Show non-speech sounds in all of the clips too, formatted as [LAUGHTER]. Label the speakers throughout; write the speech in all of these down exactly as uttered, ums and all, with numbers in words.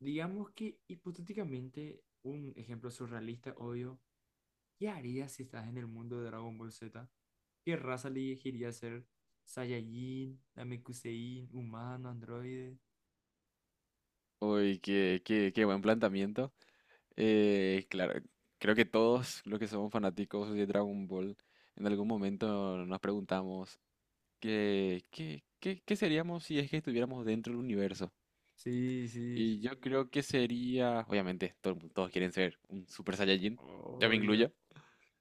Speaker 1: Digamos que hipotéticamente, un ejemplo surrealista, obvio, ¿qué harías si estás en el mundo de Dragon Ball Z? ¿Qué raza elegirías ser? ¿Saiyajin, Namekusein, humano, androide?
Speaker 2: Uy, qué, qué, qué buen planteamiento. Eh, claro, creo que todos los que somos fanáticos de Dragon Ball, en algún momento nos preguntamos qué, qué, qué, qué seríamos si es que estuviéramos dentro del universo.
Speaker 1: Sí, sí,
Speaker 2: Y yo creo que sería, obviamente, todo el mu- todos quieren ser un Super Saiyajin, yo me
Speaker 1: obvio,
Speaker 2: incluyo.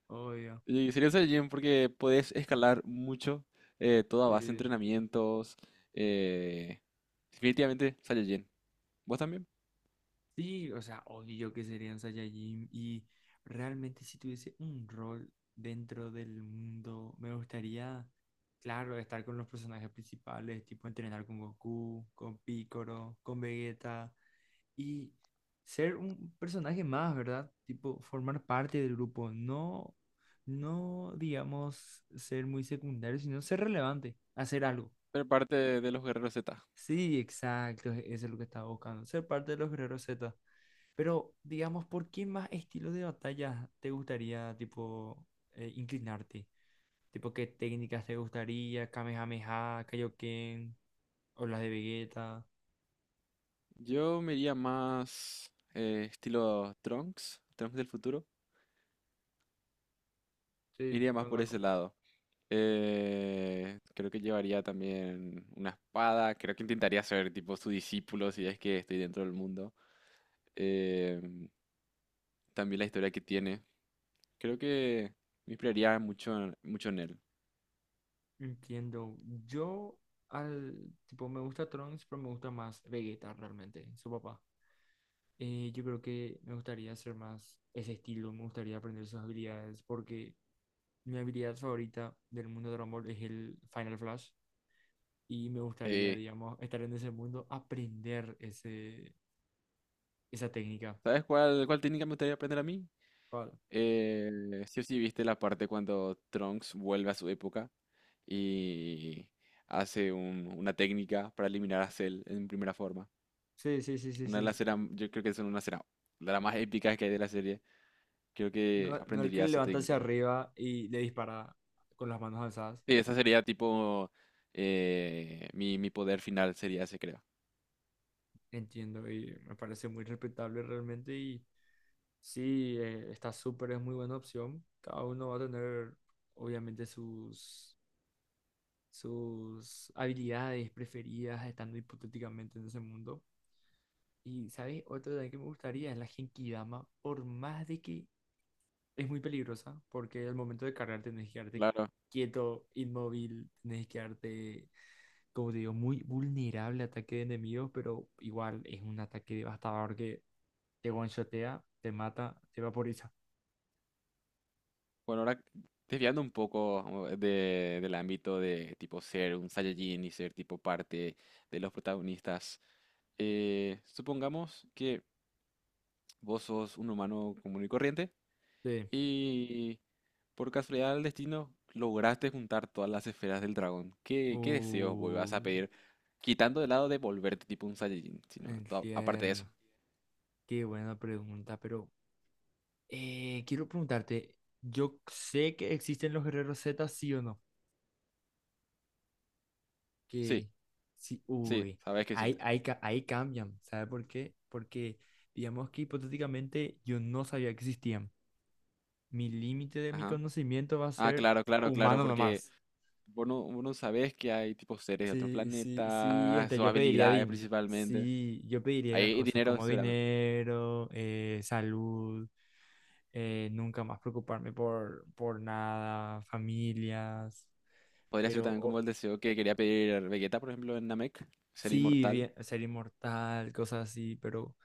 Speaker 1: obvio.
Speaker 2: Y sería un Saiyajin porque puedes escalar mucho, eh, toda base de
Speaker 1: Sí.
Speaker 2: entrenamientos. eh, Definitivamente Saiyajin. ¿Vos también?
Speaker 1: Sí, o sea, obvio que serían Saiyajin y realmente si tuviese un rol dentro del mundo, me gustaría, claro, estar con los personajes principales, tipo entrenar con Goku, con Piccolo, con Vegeta y ser un personaje más, ¿verdad? Tipo formar parte del grupo, no, no digamos ser muy secundario, sino ser relevante, hacer algo.
Speaker 2: Pero parte de los guerreros Z.
Speaker 1: Sí, exacto, e-, eso es lo que estaba buscando, ser parte de los Guerreros Z. Pero, digamos, ¿por qué más estilo de batalla te gustaría, tipo, eh, inclinarte? Tipo, ¿qué técnicas te gustaría? Kamehameha, Kaioken, o las de Vegeta.
Speaker 2: Yo me iría más eh, estilo Trunks, Trunks del futuro. Me
Speaker 1: Sí,
Speaker 2: iría más por
Speaker 1: conozco.
Speaker 2: ese lado. Eh, creo que llevaría también una espada. Creo que intentaría ser tipo su discípulo si es que estoy dentro del mundo. Eh, También la historia que tiene. Creo que me inspiraría mucho, en- mucho en él.
Speaker 1: Entiendo. Yo, al, tipo, me gusta Trunks, pero me gusta más Vegeta realmente, su papá. Eh, yo creo que me gustaría hacer más ese estilo, me gustaría aprender sus habilidades, porque mi habilidad favorita del mundo de Dragon Ball es el Final Flash. Y me gustaría,
Speaker 2: Eh,
Speaker 1: digamos, estar en ese mundo, aprender ese, esa técnica.
Speaker 2: ¿Sabes cuál, cuál técnica me gustaría aprender a mí?
Speaker 1: Claro.
Speaker 2: Eh, ¿sí o sí viste la parte cuando Trunks vuelve a su época y hace un- una técnica para eliminar a Cell en primera forma?
Speaker 1: Sí, sí, sí, sí,
Speaker 2: Una de
Speaker 1: sí.
Speaker 2: las escenas, yo creo que es una escena de las más épicas que hay de la serie. Creo que
Speaker 1: No, no el que
Speaker 2: aprendería esa
Speaker 1: levanta hacia
Speaker 2: técnica.
Speaker 1: arriba y le dispara con las manos alzadas.
Speaker 2: Sí, esa sería tipo eh, mi, mi poder final sería ese, creo.
Speaker 1: Entiendo y me parece muy respetable realmente y sí, eh, está súper, es muy buena opción. Cada uno va a tener obviamente sus, sus habilidades preferidas estando hipotéticamente en ese mundo. Y, ¿sabes? Otra también que me gustaría es la Genkidama, por más de que es muy peligrosa porque al momento de cargar tenés que quedarte
Speaker 2: Claro.
Speaker 1: quieto, inmóvil, tenés que quedarte, como te digo, muy vulnerable a ataque de enemigos, pero igual es un ataque devastador que te one-shotea, te mata, te vaporiza.
Speaker 2: Bueno, ahora desviando un poco eh, de- del ámbito de tipo ser un Saiyajin y ser tipo parte de los protagonistas, eh, supongamos que vos sos un humano común y corriente
Speaker 1: Sí.
Speaker 2: y por casualidad del destino lograste juntar todas las esferas del dragón. ¿Qué, qué deseos vos
Speaker 1: Uh,
Speaker 2: vas a pedir? Quitando de lado de volverte tipo un Saiyajin, sino to- aparte de eso.
Speaker 1: entiendo. Qué buena pregunta, pero eh, quiero preguntarte, yo sé que existen los guerreros Z, ¿sí o no?
Speaker 2: Sí,
Speaker 1: Que sí,
Speaker 2: sí,
Speaker 1: uy,
Speaker 2: sabes que sí.
Speaker 1: ahí, ahí, ca- ahí cambian, ¿sabe por qué? Porque digamos que hipotéticamente yo no sabía que existían. Mi límite de mi
Speaker 2: Ajá.
Speaker 1: conocimiento va a
Speaker 2: Ah,
Speaker 1: ser
Speaker 2: claro, claro, claro,
Speaker 1: humano
Speaker 2: porque
Speaker 1: nomás.
Speaker 2: Vos no, vos no sabés que hay tipos seres de otros
Speaker 1: Sí, sí, sí,
Speaker 2: planetas
Speaker 1: entonces
Speaker 2: o
Speaker 1: yo pediría
Speaker 2: habilidades
Speaker 1: din.
Speaker 2: principalmente.
Speaker 1: Sí, yo pediría
Speaker 2: Hay
Speaker 1: cosas
Speaker 2: dinero,
Speaker 1: como
Speaker 2: seguramente.
Speaker 1: dinero, eh, salud, eh, nunca más preocuparme por, por nada, familias,
Speaker 2: Podría ser
Speaker 1: pero
Speaker 2: también como
Speaker 1: o-
Speaker 2: el deseo que quería pedir Vegeta, por ejemplo, en Namek, ser
Speaker 1: sí,
Speaker 2: inmortal.
Speaker 1: bien- ser inmortal, cosas así, pero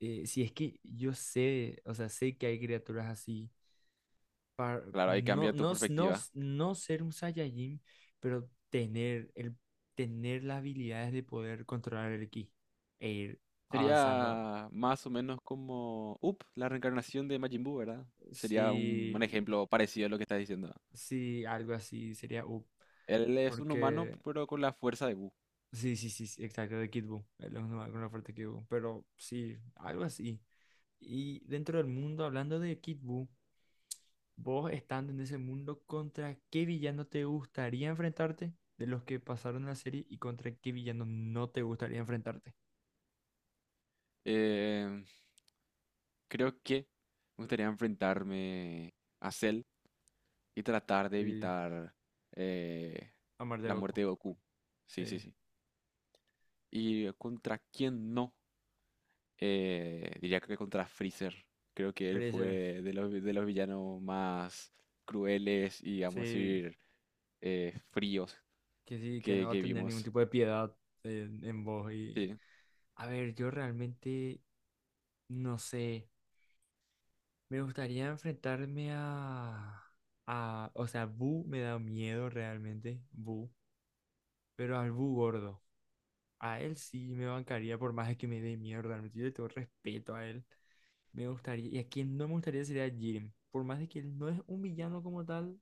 Speaker 1: eh, si es que yo sé, o sea, sé que hay criaturas así, para,
Speaker 2: Claro, ahí
Speaker 1: no,
Speaker 2: cambia tu
Speaker 1: no, no,
Speaker 2: perspectiva.
Speaker 1: no ser un Saiyajin, pero tener, el, tener las habilidades de poder controlar el ki e ir avanzando.
Speaker 2: Sería más o menos como, up, la reencarnación de Majin Buu, ¿verdad? Sería un,
Speaker 1: Sí,
Speaker 2: un ejemplo parecido a lo que estás diciendo.
Speaker 1: sí, algo así sería up,
Speaker 2: Él es un humano,
Speaker 1: porque
Speaker 2: pero con la fuerza de Buu.
Speaker 1: sí, sí, sí, sí, exacto, de Kid Buu, es lo con la oferta de Kid Buu, pero sí, algo así. Y dentro del mundo, hablando de Kid Buu, vos estando en ese mundo, ¿contra qué villano te gustaría enfrentarte de los que pasaron la serie y contra qué villano no te gustaría enfrentarte?
Speaker 2: Eh, Creo que me gustaría enfrentarme a Cell y tratar de
Speaker 1: Sí,
Speaker 2: evitar eh,
Speaker 1: Amar de
Speaker 2: la
Speaker 1: Goku.
Speaker 2: muerte de Goku. Sí, sí,
Speaker 1: Sí,
Speaker 2: sí. ¿Y eh, contra quién no? Eh, diría que contra Freezer. Creo que él fue
Speaker 1: Freezer.
Speaker 2: de los, de los villanos más crueles y, vamos a
Speaker 1: Sí,
Speaker 2: decir, eh, fríos
Speaker 1: que sí, que no
Speaker 2: que,
Speaker 1: va a
Speaker 2: que
Speaker 1: tener ningún
Speaker 2: vimos.
Speaker 1: tipo de piedad en, en vos. Y...
Speaker 2: Sí.
Speaker 1: A ver, yo realmente no sé. Me gustaría enfrentarme a... a... O sea, Boo me da miedo realmente, Boo. Pero al Boo gordo. A él sí me bancaría por más de que me dé mierda. Realmente, yo le tengo respeto a él. Me gustaría. Y a quien no me gustaría sería a Jiren. Por más de que él no es un villano como tal,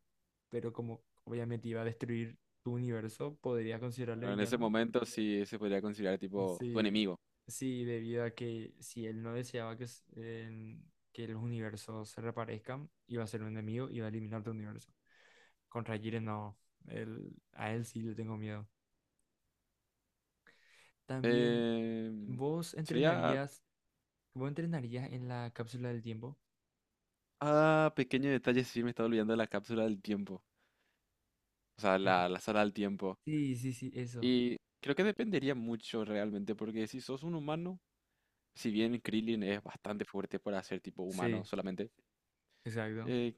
Speaker 1: pero como obviamente iba a destruir tu universo, podría considerarle
Speaker 2: Claro, en ese
Speaker 1: villano.
Speaker 2: momento sí se podría considerar tipo tu
Speaker 1: Sí,
Speaker 2: enemigo.
Speaker 1: sí, debido a que si él no deseaba que, s- en- que los universos se reparezcan, iba a ser un enemigo, iba a eliminar tu universo. Contra Jiren no. Él- a él sí le tengo miedo. También,
Speaker 2: Em,
Speaker 1: ¿vos
Speaker 2: Sería...
Speaker 1: entrenarías ¿cómo entrenaría en la cápsula del tiempo?
Speaker 2: Ah, pequeño detalle, sí me estaba olvidando de la cápsula del tiempo. O sea,
Speaker 1: Entre-
Speaker 2: la, la sala del tiempo.
Speaker 1: Sí, sí, sí, eso.
Speaker 2: Y creo que dependería mucho realmente, porque si sos un humano, si bien Krillin es bastante fuerte para ser tipo humano
Speaker 1: Sí,
Speaker 2: solamente,
Speaker 1: exacto.
Speaker 2: eh,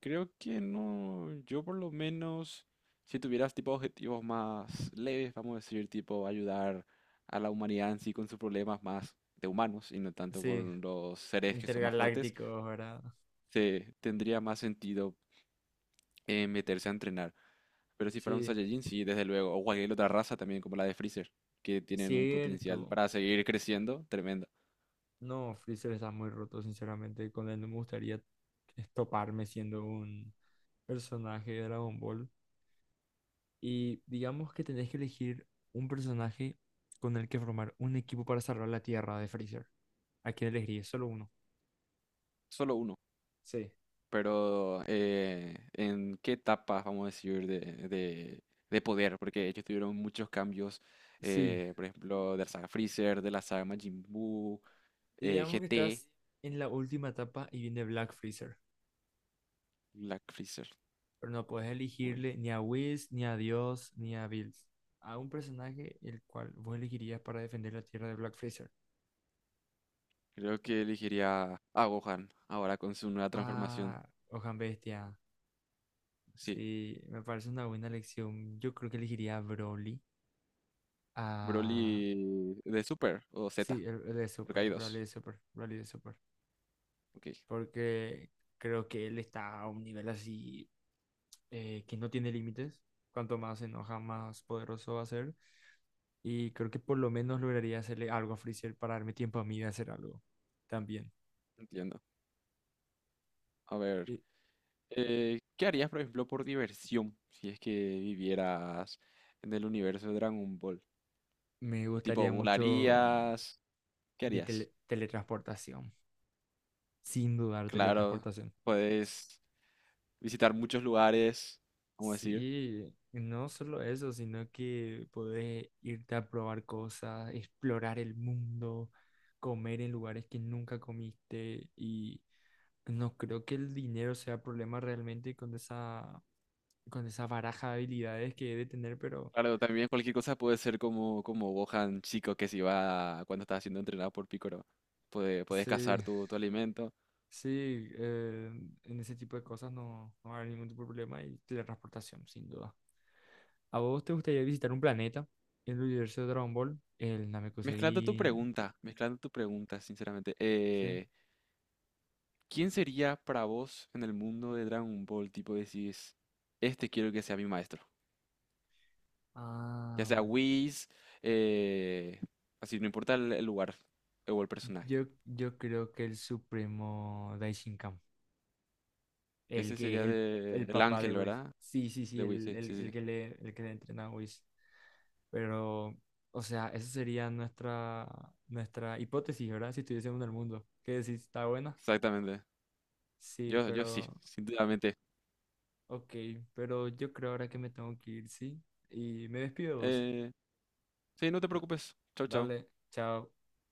Speaker 2: creo que no, yo por lo menos, si tuvieras tipo objetivos más leves, vamos a decir, tipo ayudar a la humanidad en sí con sus problemas más de humanos y no tanto
Speaker 1: Sí,
Speaker 2: con los seres que son más fuertes,
Speaker 1: intergalácticos, ¿verdad?
Speaker 2: se tendría más sentido eh, meterse a entrenar. Pero si fuera un
Speaker 1: Sí,
Speaker 2: Saiyajin, sí, desde luego. O cualquier otra raza también, como la de Freezer, que tienen un potencial
Speaker 1: cierto.
Speaker 2: para seguir creciendo tremendo.
Speaker 1: No, Freezer está muy roto, sinceramente. Con él no me gustaría estoparme siendo un personaje de Dragon Ball. Y digamos que tenés que elegir un personaje con el que formar un equipo para salvar la Tierra de Freezer. ¿A quién elegirías? Solo uno.
Speaker 2: Solo uno.
Speaker 1: Sí.
Speaker 2: Pero, eh, ¿en qué etapa, vamos a decir, de, de, de poder? Porque ellos tuvieron muchos cambios,
Speaker 1: Sí.
Speaker 2: eh, por ejemplo, de la saga Freezer, de la saga Majin Buu,
Speaker 1: Y
Speaker 2: eh,
Speaker 1: digamos que
Speaker 2: G T,
Speaker 1: estás en la última etapa y viene Black Freezer.
Speaker 2: Black Freezer.
Speaker 1: Pero no puedes
Speaker 2: Uy,
Speaker 1: elegirle ni a Whis, ni a Dios, ni a Bills. A un personaje el cual vos elegirías para defender la tierra de Black Freezer.
Speaker 2: creo que elegiría a Gohan ahora con su nueva transformación.
Speaker 1: Ah, Ojan Bestia.
Speaker 2: Sí,
Speaker 1: Sí, me parece una buena elección. Yo creo que elegiría a Broly. A...
Speaker 2: Broly de Super o Z,
Speaker 1: Sí, el, el de
Speaker 2: porque
Speaker 1: Super.
Speaker 2: hay
Speaker 1: Broly
Speaker 2: dos.
Speaker 1: de Super. Broly de Super.
Speaker 2: Ok.
Speaker 1: Porque creo que él está a un nivel así eh, que no tiene límites. Cuanto más se enoja, más poderoso va a ser. Y creo que por lo menos lograría hacerle algo a Freezer para darme tiempo a mí de hacer algo también.
Speaker 2: Entiendo. A ver,
Speaker 1: Y
Speaker 2: eh, ¿qué harías, por ejemplo, por diversión si es que vivieras en el universo de Dragon Ball?
Speaker 1: me
Speaker 2: Tipo,
Speaker 1: gustaría mucho
Speaker 2: volarías, ¿qué
Speaker 1: mi
Speaker 2: harías?
Speaker 1: tele- teletransportación. Sin dudar,
Speaker 2: Claro,
Speaker 1: teletransportación. S-
Speaker 2: puedes visitar muchos lugares, vamos a decir.
Speaker 1: Sí, no solo eso, sino que poder irte a probar cosas, explorar el mundo, comer en lugares que nunca comiste y no creo que el dinero sea problema realmente con esa, con esa baraja de habilidades que he de tener, pero
Speaker 2: Claro, también cualquier cosa puede ser como, como Gohan chico que se iba cuando estaba siendo entrenado por Piccolo. Puede, puedes
Speaker 1: sí,
Speaker 2: cazar tu, tu alimento.
Speaker 1: sí, eh, en ese tipo de cosas no, no va a haber ningún tipo de problema y teletransportación, sin duda. ¿A vos te gustaría visitar un planeta? El universo de Dragon Ball, el
Speaker 2: Mezclando tu
Speaker 1: Namekusei,
Speaker 2: pregunta, mezclando tu pregunta, sinceramente.
Speaker 1: ¿sí?
Speaker 2: eh, ¿Quién sería para vos en el mundo de Dragon Ball? Tipo, decís, este quiero que sea mi maestro. Ya
Speaker 1: Ah,
Speaker 2: sea Whis, eh, así, no importa el, el lugar eh, o el personaje.
Speaker 1: yo, yo creo que el supremo Daishinkan, el
Speaker 2: Ese
Speaker 1: que es
Speaker 2: sería
Speaker 1: el,
Speaker 2: de
Speaker 1: el
Speaker 2: el
Speaker 1: papá de
Speaker 2: ángel,
Speaker 1: Whis.
Speaker 2: ¿verdad?
Speaker 1: Sí, sí, sí,
Speaker 2: De Whis,
Speaker 1: el,
Speaker 2: sí, sí,
Speaker 1: el,
Speaker 2: sí.
Speaker 1: el que le, el que le entrena a Whis. Pero, o sea, esa sería nuestra, nuestra hipótesis, ¿verdad? Si estuviésemos en el mundo. ¿Qué decís? ¿Está buena?
Speaker 2: Exactamente.
Speaker 1: Sí,
Speaker 2: Yo, yo sí,
Speaker 1: pero
Speaker 2: [LAUGHS] sinceramente.
Speaker 1: ok, pero yo creo ahora que me tengo que ir, ¿sí? Y me despido de vos.
Speaker 2: Eh, sí, no te
Speaker 1: Da-
Speaker 2: preocupes. Chao, chao.
Speaker 1: Dale, chao.